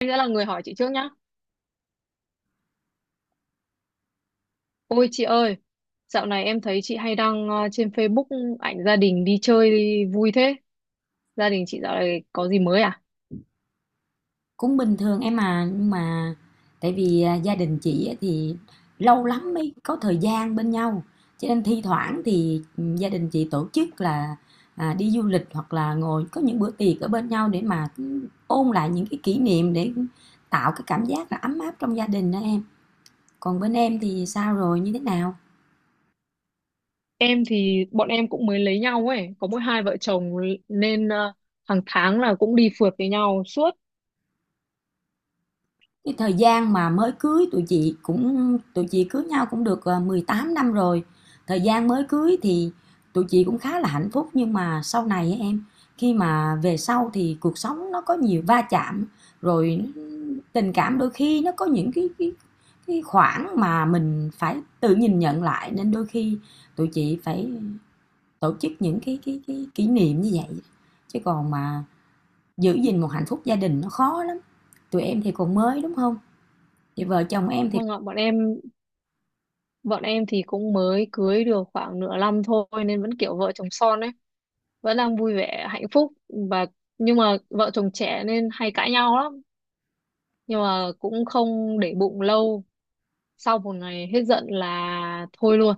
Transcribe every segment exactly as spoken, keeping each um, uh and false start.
Anh sẽ là người hỏi chị trước nhá. Ôi chị ơi, dạo này em thấy chị hay đăng ờ, trên Facebook ảnh gia đình đi chơi vui thế. Gia đình chị dạo này có gì mới à? Cũng bình thường em à, nhưng mà tại vì, à, gia đình chị á thì lâu lắm mới có thời gian bên nhau, cho nên thi thoảng thì, ừm, gia đình chị tổ chức là, à, đi du lịch hoặc là ngồi có những bữa tiệc ở bên nhau để mà, ừ, ôn lại những cái kỷ niệm để tạo cái cảm giác là ấm áp trong gia đình đó em. Còn bên em thì sao rồi, như thế nào? Em thì bọn em cũng mới lấy nhau ấy, có mỗi hai vợ chồng nên ờ, hàng tháng là cũng đi phượt với nhau suốt. Cái thời gian mà mới cưới tụi chị cũng tụi chị cưới nhau cũng được ờ, mười tám năm rồi. Thời gian mới cưới thì tụi chị cũng khá là hạnh phúc, nhưng mà sau này em, khi mà về sau thì cuộc sống nó có nhiều va chạm, rồi tình cảm đôi khi nó có những cái cái cái khoảng mà mình phải tự nhìn nhận lại, nên đôi khi tụi chị phải tổ chức những cái cái cái kỷ niệm như vậy, chứ còn mà giữ gìn một hạnh phúc gia đình nó khó lắm. Tụi em thì còn mới, đúng không? Thì vợ chồng em thì Vâng ạ, bọn em bọn em thì cũng mới cưới được khoảng nửa năm thôi, nên vẫn kiểu vợ chồng son ấy, vẫn đang vui vẻ hạnh phúc và nhưng mà vợ chồng trẻ nên hay cãi nhau lắm, nhưng mà cũng không để bụng lâu, sau một ngày hết giận là thôi luôn.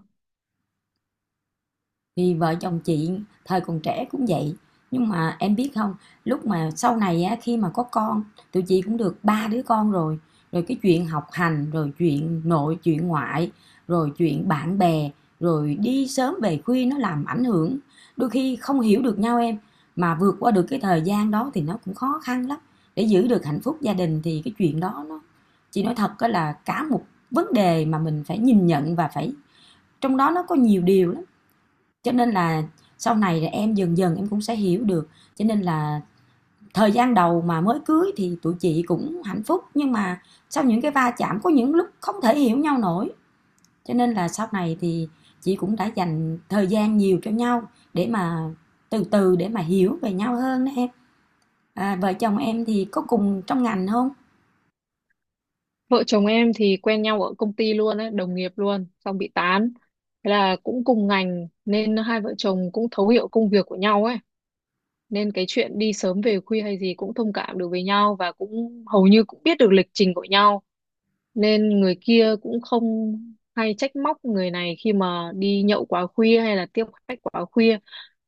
thì vợ chồng chị thời còn trẻ cũng vậy. Nhưng mà em biết không, lúc mà sau này á, khi mà có con, tụi chị cũng được ba đứa con rồi. Rồi cái chuyện học hành, rồi chuyện nội, chuyện ngoại, rồi chuyện bạn bè, rồi đi sớm về khuya nó làm ảnh hưởng. Đôi khi không hiểu được nhau em, mà vượt qua được cái thời gian đó thì nó cũng khó khăn lắm. Để giữ được hạnh phúc gia đình thì cái chuyện đó nó, chị nói thật á, là cả một vấn đề mà mình phải nhìn nhận và phải, trong đó nó có nhiều điều lắm. Cho nên là sau này là em dần dần em cũng sẽ hiểu được. Cho nên là thời gian đầu mà mới cưới thì tụi chị cũng hạnh phúc, nhưng mà sau những cái va chạm có những lúc không thể hiểu nhau nổi. Cho nên là sau này thì chị cũng đã dành thời gian nhiều cho nhau để mà từ từ để mà hiểu về nhau hơn đó em. À, vợ chồng em thì có cùng trong ngành không? Vợ chồng em thì quen nhau ở công ty luôn ấy, đồng nghiệp luôn xong bị tán, thế là cũng cùng ngành nên hai vợ chồng cũng thấu hiểu công việc của nhau ấy, nên cái chuyện đi sớm về khuya hay gì cũng thông cảm được với nhau, và cũng hầu như cũng biết được lịch trình của nhau, nên người kia cũng không hay trách móc người này khi mà đi nhậu quá khuya hay là tiếp khách quá khuya.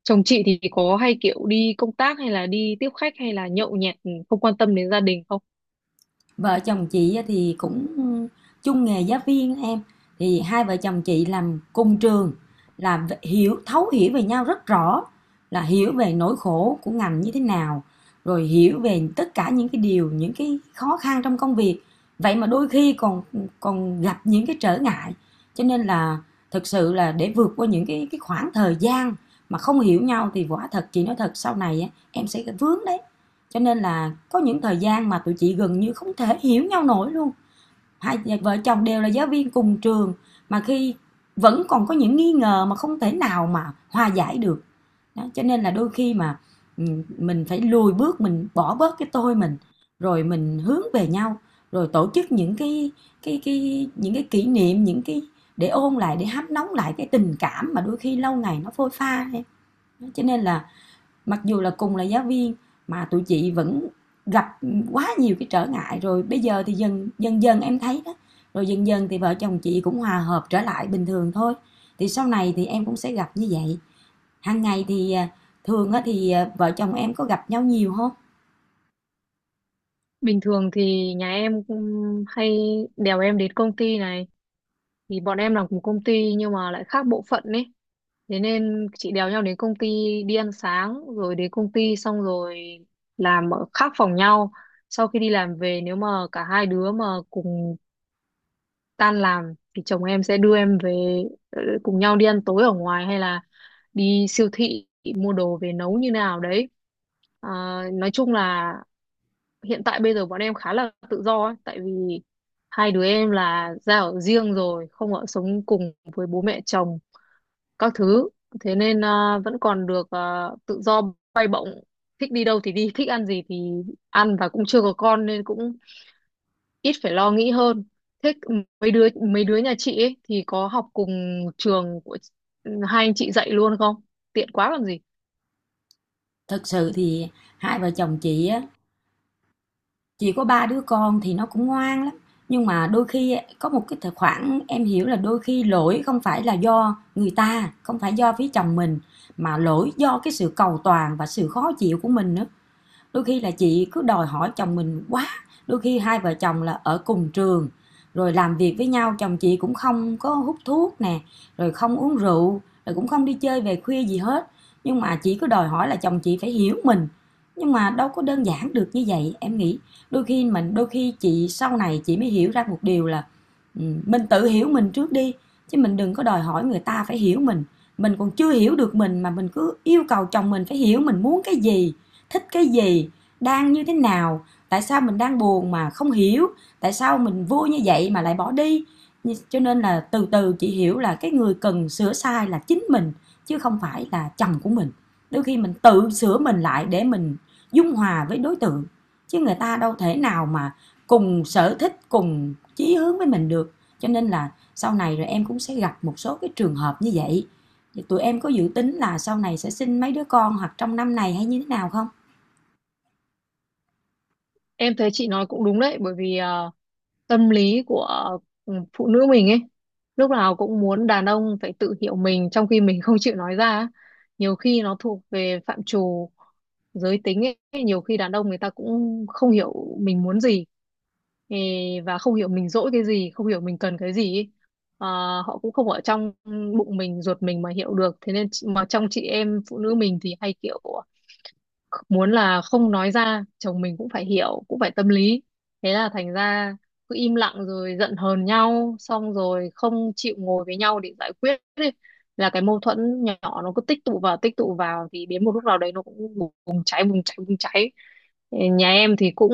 Chồng chị thì có hay kiểu đi công tác hay là đi tiếp khách hay là nhậu nhẹt, không quan tâm đến gia đình không? Vợ chồng chị thì cũng chung nghề giáo viên em, thì hai vợ chồng chị làm cùng trường, làm hiểu thấu hiểu về nhau rất rõ, là hiểu về nỗi khổ của ngành như thế nào, rồi hiểu về tất cả những cái điều, những cái khó khăn trong công việc. Vậy mà đôi khi còn còn gặp những cái trở ngại, cho nên là thực sự là để vượt qua những cái cái khoảng thời gian mà không hiểu nhau thì quả thật chị nói thật, sau này em sẽ vướng đấy. Cho nên là có những thời gian mà tụi chị gần như không thể hiểu nhau nổi luôn, hai vợ chồng đều là giáo viên cùng trường mà khi vẫn còn có những nghi ngờ mà không thể nào mà hòa giải được đó. Cho nên là đôi khi mà, ừ, mình phải lùi bước, mình bỏ bớt cái tôi mình, rồi mình hướng về nhau, rồi tổ chức những cái cái cái những cái kỷ niệm, những cái để ôn lại, để hấp nóng lại cái tình cảm mà đôi khi lâu ngày nó phôi pha. Cho nên là mặc dù là cùng là giáo viên mà tụi chị vẫn gặp quá nhiều cái trở ngại, rồi bây giờ thì dần dần dần em thấy đó, rồi dần dần thì vợ chồng chị cũng hòa hợp trở lại bình thường thôi. Thì sau này thì em cũng sẽ gặp như vậy. Hàng ngày thì à, thường á thì à, vợ chồng em có gặp nhau nhiều không? Bình thường thì nhà em cũng hay đèo em đến công ty này, thì bọn em làm cùng công ty nhưng mà lại khác bộ phận ấy, thế nên chị đèo nhau đến công ty, đi ăn sáng rồi đến công ty xong rồi làm ở khác phòng nhau. Sau khi đi làm về, nếu mà cả hai đứa mà cùng tan làm thì chồng em sẽ đưa em về, ờ, cùng nhau đi ăn tối ở ngoài hay là đi siêu thị mua đồ về nấu như nào đấy. Ờ, nói chung là hiện tại bây giờ bọn em khá là tự do ấy, tại vì hai đứa em là ra ở riêng rồi, không ở sống cùng với bố mẹ chồng các thứ. Thế nên à, vẫn còn được à, tự do bay bổng, thích đi đâu thì đi, thích ăn gì thì ăn, và cũng chưa có con nên cũng ít phải lo nghĩ hơn. Thế mấy đứa mấy đứa nhà chị ấy thì có học cùng trường của ừ, hai anh chị dạy luôn không? Tiện quá còn gì. Thực sự thì hai vợ chồng chị á, chỉ có ba đứa con thì nó cũng ngoan lắm, nhưng mà đôi khi có một cái thời- khoảng, em hiểu, là đôi khi lỗi không phải là do người ta, không phải do phía chồng mình, mà lỗi do cái sự cầu toàn và sự khó chịu của mình nữa. Đôi khi là chị cứ đòi hỏi chồng mình quá. Đôi khi hai vợ chồng là ở cùng trường rồi làm việc với nhau, chồng chị cũng không có hút thuốc nè, rồi không uống rượu, rồi cũng không đi chơi về khuya gì hết, nhưng mà chị cứ đòi hỏi là chồng chị phải hiểu mình, nhưng mà đâu có đơn giản được như vậy em nghĩ. Đôi khi mình đôi khi chị, sau này chị mới hiểu ra một điều là, ừ, mình tự hiểu mình trước đi, chứ mình đừng có đòi hỏi người ta phải hiểu mình. Mình còn chưa hiểu được mình mà mình cứ yêu cầu chồng mình phải hiểu mình muốn cái gì, thích cái gì, đang như thế nào, tại sao mình đang buồn mà không hiểu, tại sao mình vui như vậy mà lại bỏ đi. Cho nên là từ từ chị hiểu là cái người cần sửa sai là chính mình, chứ không phải là chồng của mình. Đôi khi mình tự sửa mình lại để mình dung hòa với đối tượng, chứ người ta đâu thể nào mà cùng sở thích cùng chí hướng với mình được. Cho nên là sau này rồi em cũng sẽ gặp một số cái trường hợp như vậy. Thì tụi em có dự tính là sau này sẽ sinh mấy đứa con, hoặc trong năm này, hay như thế nào không? Em thấy chị nói cũng đúng đấy, bởi vì à, tâm lý của ừ, phụ nữ mình ấy lúc nào cũng muốn đàn ông phải tự hiểu mình, trong khi mình không chịu nói ra á. Nhiều khi nó thuộc về phạm trù giới tính ấy, nhiều khi đàn ông người ta cũng không hiểu mình muốn gì, ê, và không hiểu mình dỗi cái gì, không hiểu mình cần cái gì ấy. Ờ, Họ cũng không ở trong bụng mình ruột mình mà hiểu được, thế nên chị- mà trong chị em phụ nữ mình thì hay kiểu muốn là không nói ra chồng mình cũng phải hiểu, cũng phải tâm lý, thế là thành ra cứ im lặng rồi giận hờn nhau, xong rồi không chịu ngồi với nhau để giải quyết ấy. Là cái mâu thuẫn nhỏ, nó cứ tích tụ vào tích tụ vào thì đến một lúc nào đấy nó cũng bùng cháy, bùng cháy, bùng cháy. Nhà em thì cũng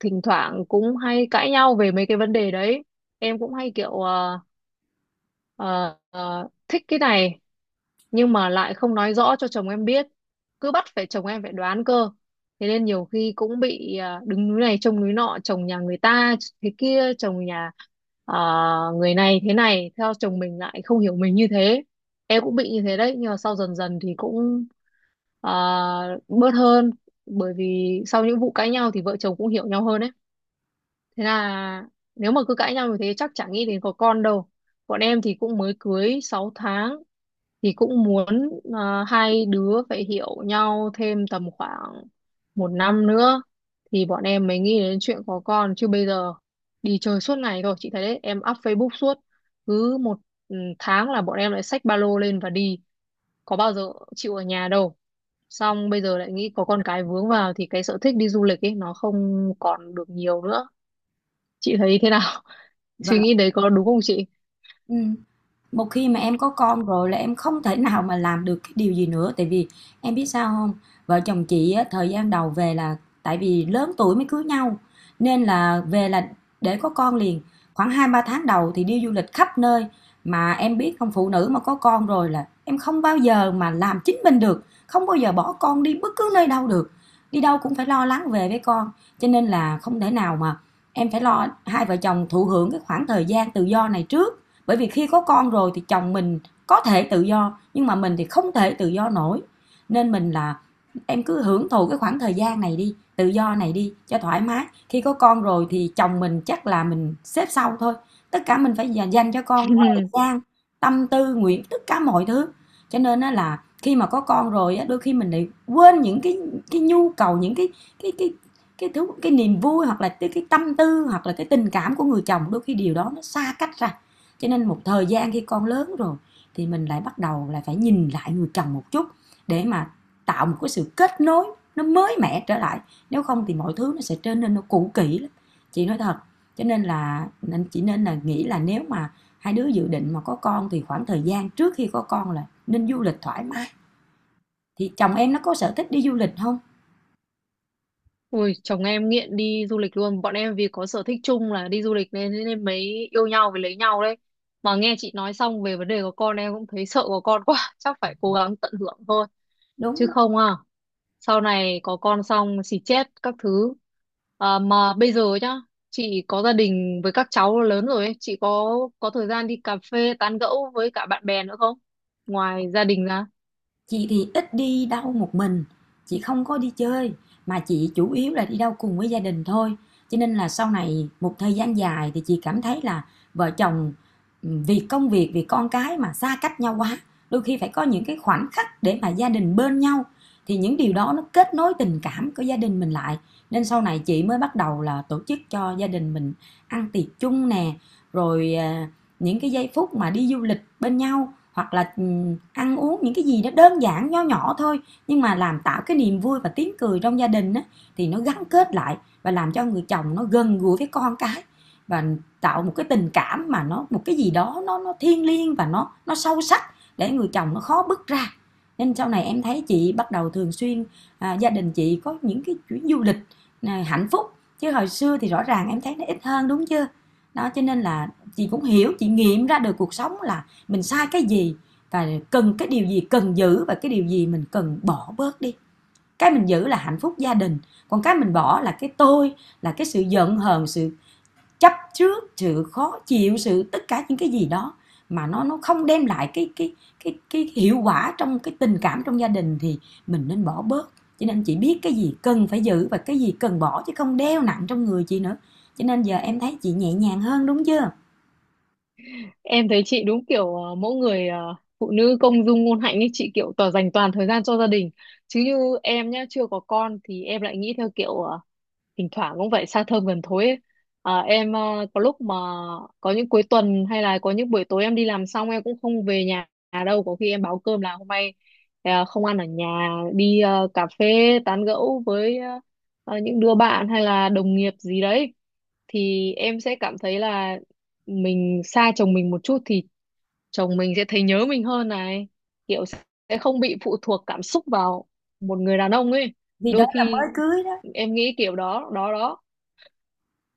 thỉnh thoảng cũng hay cãi nhau về mấy cái vấn đề đấy. Em cũng hay kiểu ờ, ờ, ờ, thích cái này nhưng mà lại không nói rõ cho chồng em biết, cứ bắt phải chồng em phải đoán cơ. Thế nên nhiều khi cũng bị à, đứng núi này trông núi nọ, chồng nhà người ta thế kia, chồng nhà à, người này thế này, theo chồng mình lại không hiểu mình như thế. Em cũng bị như thế đấy, nhưng mà sau dần dần thì cũng à, bớt hơn, bởi vì sau những vụ cãi nhau thì vợ chồng cũng hiểu nhau hơn đấy. Thế là nếu mà cứ cãi nhau như thế chắc chả nghĩ đến có con đâu. Bọn em thì cũng mới cưới sáu tháng, thì cũng muốn ờ, hai đứa phải hiểu nhau thêm tầm khoảng một năm nữa thì bọn em mới nghĩ đến chuyện có con, chứ bây giờ đi chơi suốt ngày thôi, chị thấy đấy, em up Facebook suốt, cứ một ừ, tháng là bọn em lại xách ba lô lên và đi, có bao giờ chịu ở nhà đâu. Xong bây giờ lại nghĩ có con cái vướng vào thì cái sở thích đi du lịch ấy nó không còn được nhiều nữa, chị thấy thế nào? Và, Suy nghĩ đấy có đúng không chị? ừm, một khi mà em có con rồi là em không thể nào mà làm được cái điều gì nữa, tại vì em biết sao không? Vợ chồng chị á, thời gian đầu về là, tại vì lớn tuổi mới cưới nhau, nên là về là để có con liền, khoảng hai ba tháng đầu thì đi du lịch khắp nơi. Mà em biết không? Phụ nữ mà có con rồi là em không bao giờ mà làm chính mình được, không bao giờ bỏ con đi bất cứ nơi đâu được, đi đâu cũng phải lo lắng về với con, cho nên là không thể nào mà, em phải lo hai vợ chồng thụ hưởng cái khoảng thời gian tự do này trước, bởi vì khi có con rồi thì chồng mình có thể tự do, nhưng mà mình thì không thể tự do nổi. Nên mình là, em cứ hưởng thụ cái khoảng thời gian này đi, tự do này đi cho thoải mái. Khi có con rồi thì chồng mình chắc là mình xếp sau thôi, tất cả mình phải dành- cho con thời gian, tâm tư nguyện, tất cả mọi thứ. Cho nên á là khi mà có con rồi á, đôi khi mình lại quên những cái cái nhu cầu, những cái cái cái cái thứ, cái niềm vui, hoặc là cái, cái tâm tư, hoặc là cái tình cảm của người chồng, đôi khi điều đó nó xa cách ra. Cho nên một thời gian khi con lớn rồi thì mình lại bắt đầu là phải nhìn lại người chồng một chút, để mà tạo một cái sự kết nối nó mới mẻ trở lại, nếu không thì mọi thứ nó sẽ trở nên nó cũ kỹ lắm, chị nói thật. Cho nên là, nên chỉ nên là nghĩ là nếu mà hai đứa dự định mà có con thì khoảng thời gian trước khi có con là nên du lịch thoải mái. Thì chồng em nó có sở thích đi du lịch không? Ui, chồng em nghiện đi du lịch luôn. Bọn em vì có sở thích chung là đi du lịch nên nên mới yêu nhau với lấy nhau đấy. Mà nghe chị nói xong về vấn đề có con em cũng thấy sợ có con quá. Chắc phải cố gắng tận hưởng thôi. Đúng. Chứ không à, sau này có con xong xì chết các thứ. À, mà bây giờ nhá, chị có gia đình với các cháu lớn rồi ấy. Chị có có thời gian đi cà phê tán gẫu với cả bạn bè nữa không? Ngoài gia đình ra. Chị thì ít đi đâu một mình, chị không có đi chơi, mà chị chủ yếu là đi đâu cùng với gia đình thôi. Cho nên là sau này một thời gian dài thì chị cảm thấy là vợ chồng, ừ, vì công việc, vì con cái mà xa cách nhau quá. Đôi khi phải có những cái khoảnh khắc để mà gia đình bên nhau, thì những điều đó nó kết nối tình cảm của gia đình mình lại. Nên sau này chị mới bắt đầu là tổ chức cho gia đình mình ăn tiệc chung nè, rồi à, những cái giây phút mà đi du lịch bên nhau, hoặc là ừ, ăn uống những cái gì nó đơn giản nho nhỏ thôi, nhưng mà làm tạo cái niềm vui và tiếng cười trong gia đình á, thì nó gắn kết lại, và làm cho người chồng nó gần gũi với con cái, và tạo một cái tình cảm mà nó một cái gì đó nó nó thiêng liêng và nó nó sâu sắc, để người chồng nó khó bứt ra. Nên sau này em thấy chị bắt đầu thường xuyên, à, gia đình chị có những cái chuyến du lịch, à, hạnh phúc, chứ hồi xưa thì rõ ràng em thấy nó ít hơn đúng chưa. Đó cho nên là chị cũng hiểu, chị nghiệm ra được cuộc sống là mình sai cái gì và cần cái điều gì, cần giữ và cái điều gì mình cần bỏ bớt đi. Cái mình giữ là hạnh phúc gia đình, còn cái mình bỏ là cái tôi, là cái sự giận hờn, sự chấp trước, sự khó chịu, sự tất cả những cái gì đó mà nó nó không đem lại cái cái cái cái hiệu quả trong cái tình cảm trong gia đình thì mình nên bỏ bớt. Cho nên chị biết cái gì cần phải giữ và cái gì cần bỏ, chứ không đeo nặng trong người chị nữa. Cho nên giờ em thấy chị nhẹ nhàng hơn đúng chưa. Em thấy chị đúng kiểu ờ, mỗi người ờ, phụ nữ công dung ngôn hạnh ấy, chị kiểu tỏ dành toàn thời gian cho gia đình, chứ như em nhá chưa có con thì em lại nghĩ theo kiểu ờ, thỉnh thoảng cũng phải xa thơm gần thối ấy. Ờ, em ờ, có lúc mà có những cuối tuần hay là có những buổi tối em đi làm xong em cũng không về nhà đâu, có khi em báo cơm là hôm nay ờ, không ăn ở nhà, đi ờ, cà phê tán gẫu với ờ, ờ, những đứa bạn hay là đồng nghiệp gì đấy, thì em sẽ cảm thấy là mình xa chồng mình một chút thì chồng mình sẽ thấy nhớ mình hơn này, kiểu sẽ không bị phụ thuộc cảm xúc vào một người đàn ông ấy, Vì đó đôi là mới khi cưới đó, em nghĩ kiểu đó đó đó.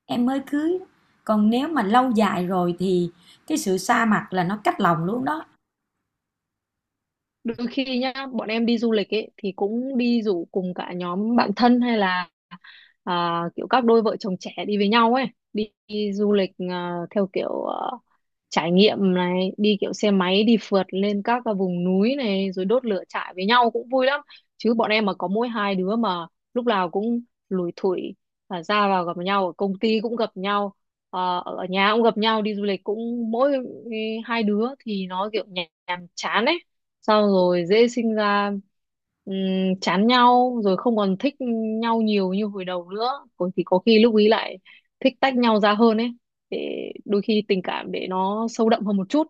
em mới cưới, còn nếu mà lâu dài rồi thì cái sự xa mặt là nó cách lòng luôn đó. Đôi khi nhá bọn em đi du lịch ấy thì cũng đi rủ cùng cả nhóm bạn thân hay là à, kiểu các đôi vợ chồng trẻ đi với nhau ấy, đi, đi du lịch à, theo kiểu à, trải nghiệm này, đi kiểu xe máy đi phượt lên các cái vùng núi này rồi đốt lửa trại với nhau cũng vui lắm. Chứ bọn em mà có mỗi hai đứa mà lúc nào cũng lủi thủi, à, ra vào gặp nhau ở công ty cũng gặp nhau, à, ở nhà cũng gặp nhau, đi du lịch cũng mỗi ừ, hai đứa, thì nó kiểu nhàm nhàm chán ấy, xong rồi dễ sinh ra ừm, chán nhau rồi không còn thích nhau nhiều như hồi đầu nữa, còn thì có khi lúc ý lại thích tách nhau ra hơn ấy, để đôi khi tình cảm để nó sâu đậm hơn một chút,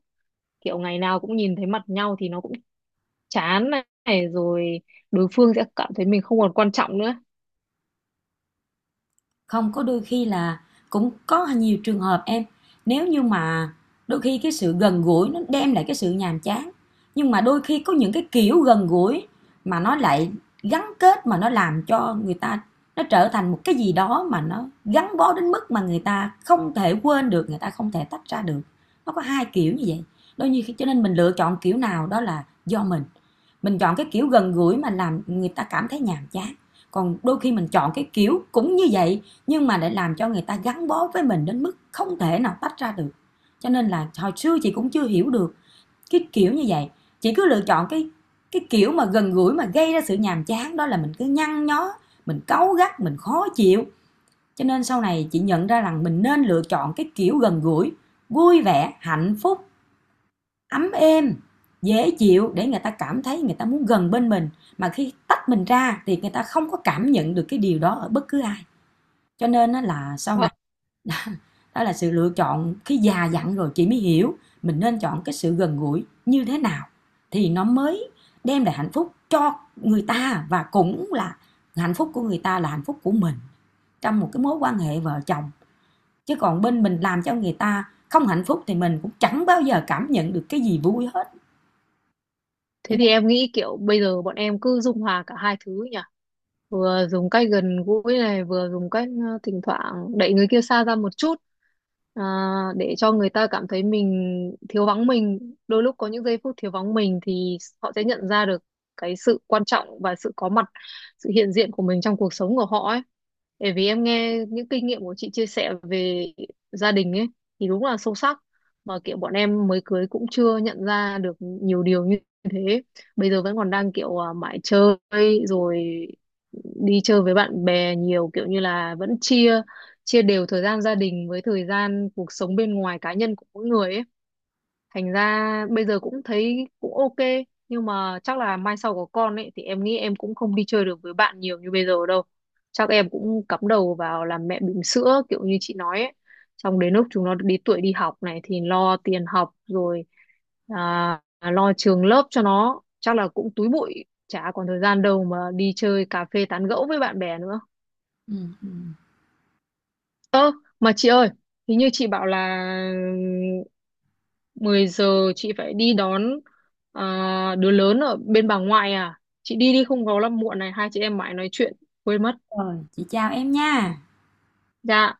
kiểu ngày nào cũng nhìn thấy mặt nhau thì nó cũng chán này, rồi đối phương sẽ cảm thấy mình không còn quan trọng nữa. Không có, đôi khi là cũng có nhiều trường hợp em, nếu như mà đôi khi cái sự gần gũi nó đem lại cái sự nhàm chán, nhưng mà đôi khi có những cái kiểu gần gũi mà nó lại gắn kết, mà nó làm cho người ta, nó trở thành một cái gì đó mà nó gắn bó đến mức mà người ta không thể quên được, người ta không thể tách ra được. Nó có hai kiểu như vậy. Đôi khi cho nên mình lựa chọn kiểu nào đó là do mình mình chọn cái kiểu gần gũi mà làm người ta cảm thấy nhàm chán, còn đôi khi mình chọn cái kiểu cũng như vậy, nhưng mà lại làm cho người ta gắn bó với mình đến mức không thể nào tách ra được. Cho nên là hồi xưa chị cũng chưa hiểu được cái kiểu như vậy, chị cứ lựa chọn cái cái kiểu mà gần gũi mà gây ra sự nhàm chán, đó là mình cứ nhăn nhó, mình cáu gắt, mình khó chịu. Cho nên sau này chị nhận ra rằng mình nên lựa chọn cái kiểu gần gũi vui vẻ, hạnh phúc, ấm êm, dễ chịu để người ta cảm thấy người ta muốn gần bên mình, mà khi tách mình ra thì người ta không có cảm nhận được cái điều đó ở bất cứ ai. Cho nên là sau này, Vâng. đó là sự lựa chọn khi già dặn rồi chị mới hiểu mình nên chọn cái sự gần gũi như thế nào thì nó mới đem lại hạnh phúc cho người ta, và cũng là hạnh phúc của người ta là hạnh phúc của mình trong một cái mối quan hệ vợ chồng. Chứ còn bên mình làm cho người ta không hạnh phúc thì mình cũng chẳng bao giờ cảm nhận được cái gì vui hết. Thế thì em nghĩ kiểu bây giờ bọn em cứ dung hòa cả hai thứ nhỉ? Vừa dùng cách gần gũi này, vừa dùng cách ờ, thỉnh thoảng đẩy người kia xa ra một chút, à, để cho người ta cảm thấy mình thiếu vắng mình. Đôi lúc có những giây phút thiếu vắng mình thì họ sẽ nhận ra được cái sự quan trọng và sự có mặt, sự hiện diện của mình trong cuộc sống của họ ấy. Bởi vì em nghe những kinh nghiệm của chị chia sẻ về gia đình ấy thì đúng là sâu sắc, mà kiểu bọn em mới cưới cũng chưa nhận ra được nhiều điều như thế, bây giờ vẫn còn đang kiểu à, mãi chơi, rồi đi chơi với bạn bè nhiều, kiểu như là vẫn chia chia đều thời gian gia đình với thời gian cuộc sống bên ngoài cá nhân của mỗi người ấy, thành ra bây giờ cũng thấy cũng ok. Nhưng mà chắc là mai sau có con ấy thì em nghĩ em cũng không đi chơi được với bạn nhiều như bây giờ đâu, chắc em cũng cắm đầu vào làm mẹ bỉm sữa kiểu như chị nói ấy, xong đến lúc chúng nó đi tuổi đi học này thì lo tiền học rồi, à, lo trường lớp cho nó chắc là cũng túi bụi, chả còn thời gian đâu mà đi chơi cà phê tán gẫu với bạn bè nữa. Ừ, ừ. Ơ, mà chị ơi, hình như chị bảo là mười giờ chị phải đi đón à, đứa lớn ở bên bà ngoại à? Chị đi đi không có là muộn này, hai chị em mãi nói chuyện, quên mất. Rồi chị chào em nha. Dạ.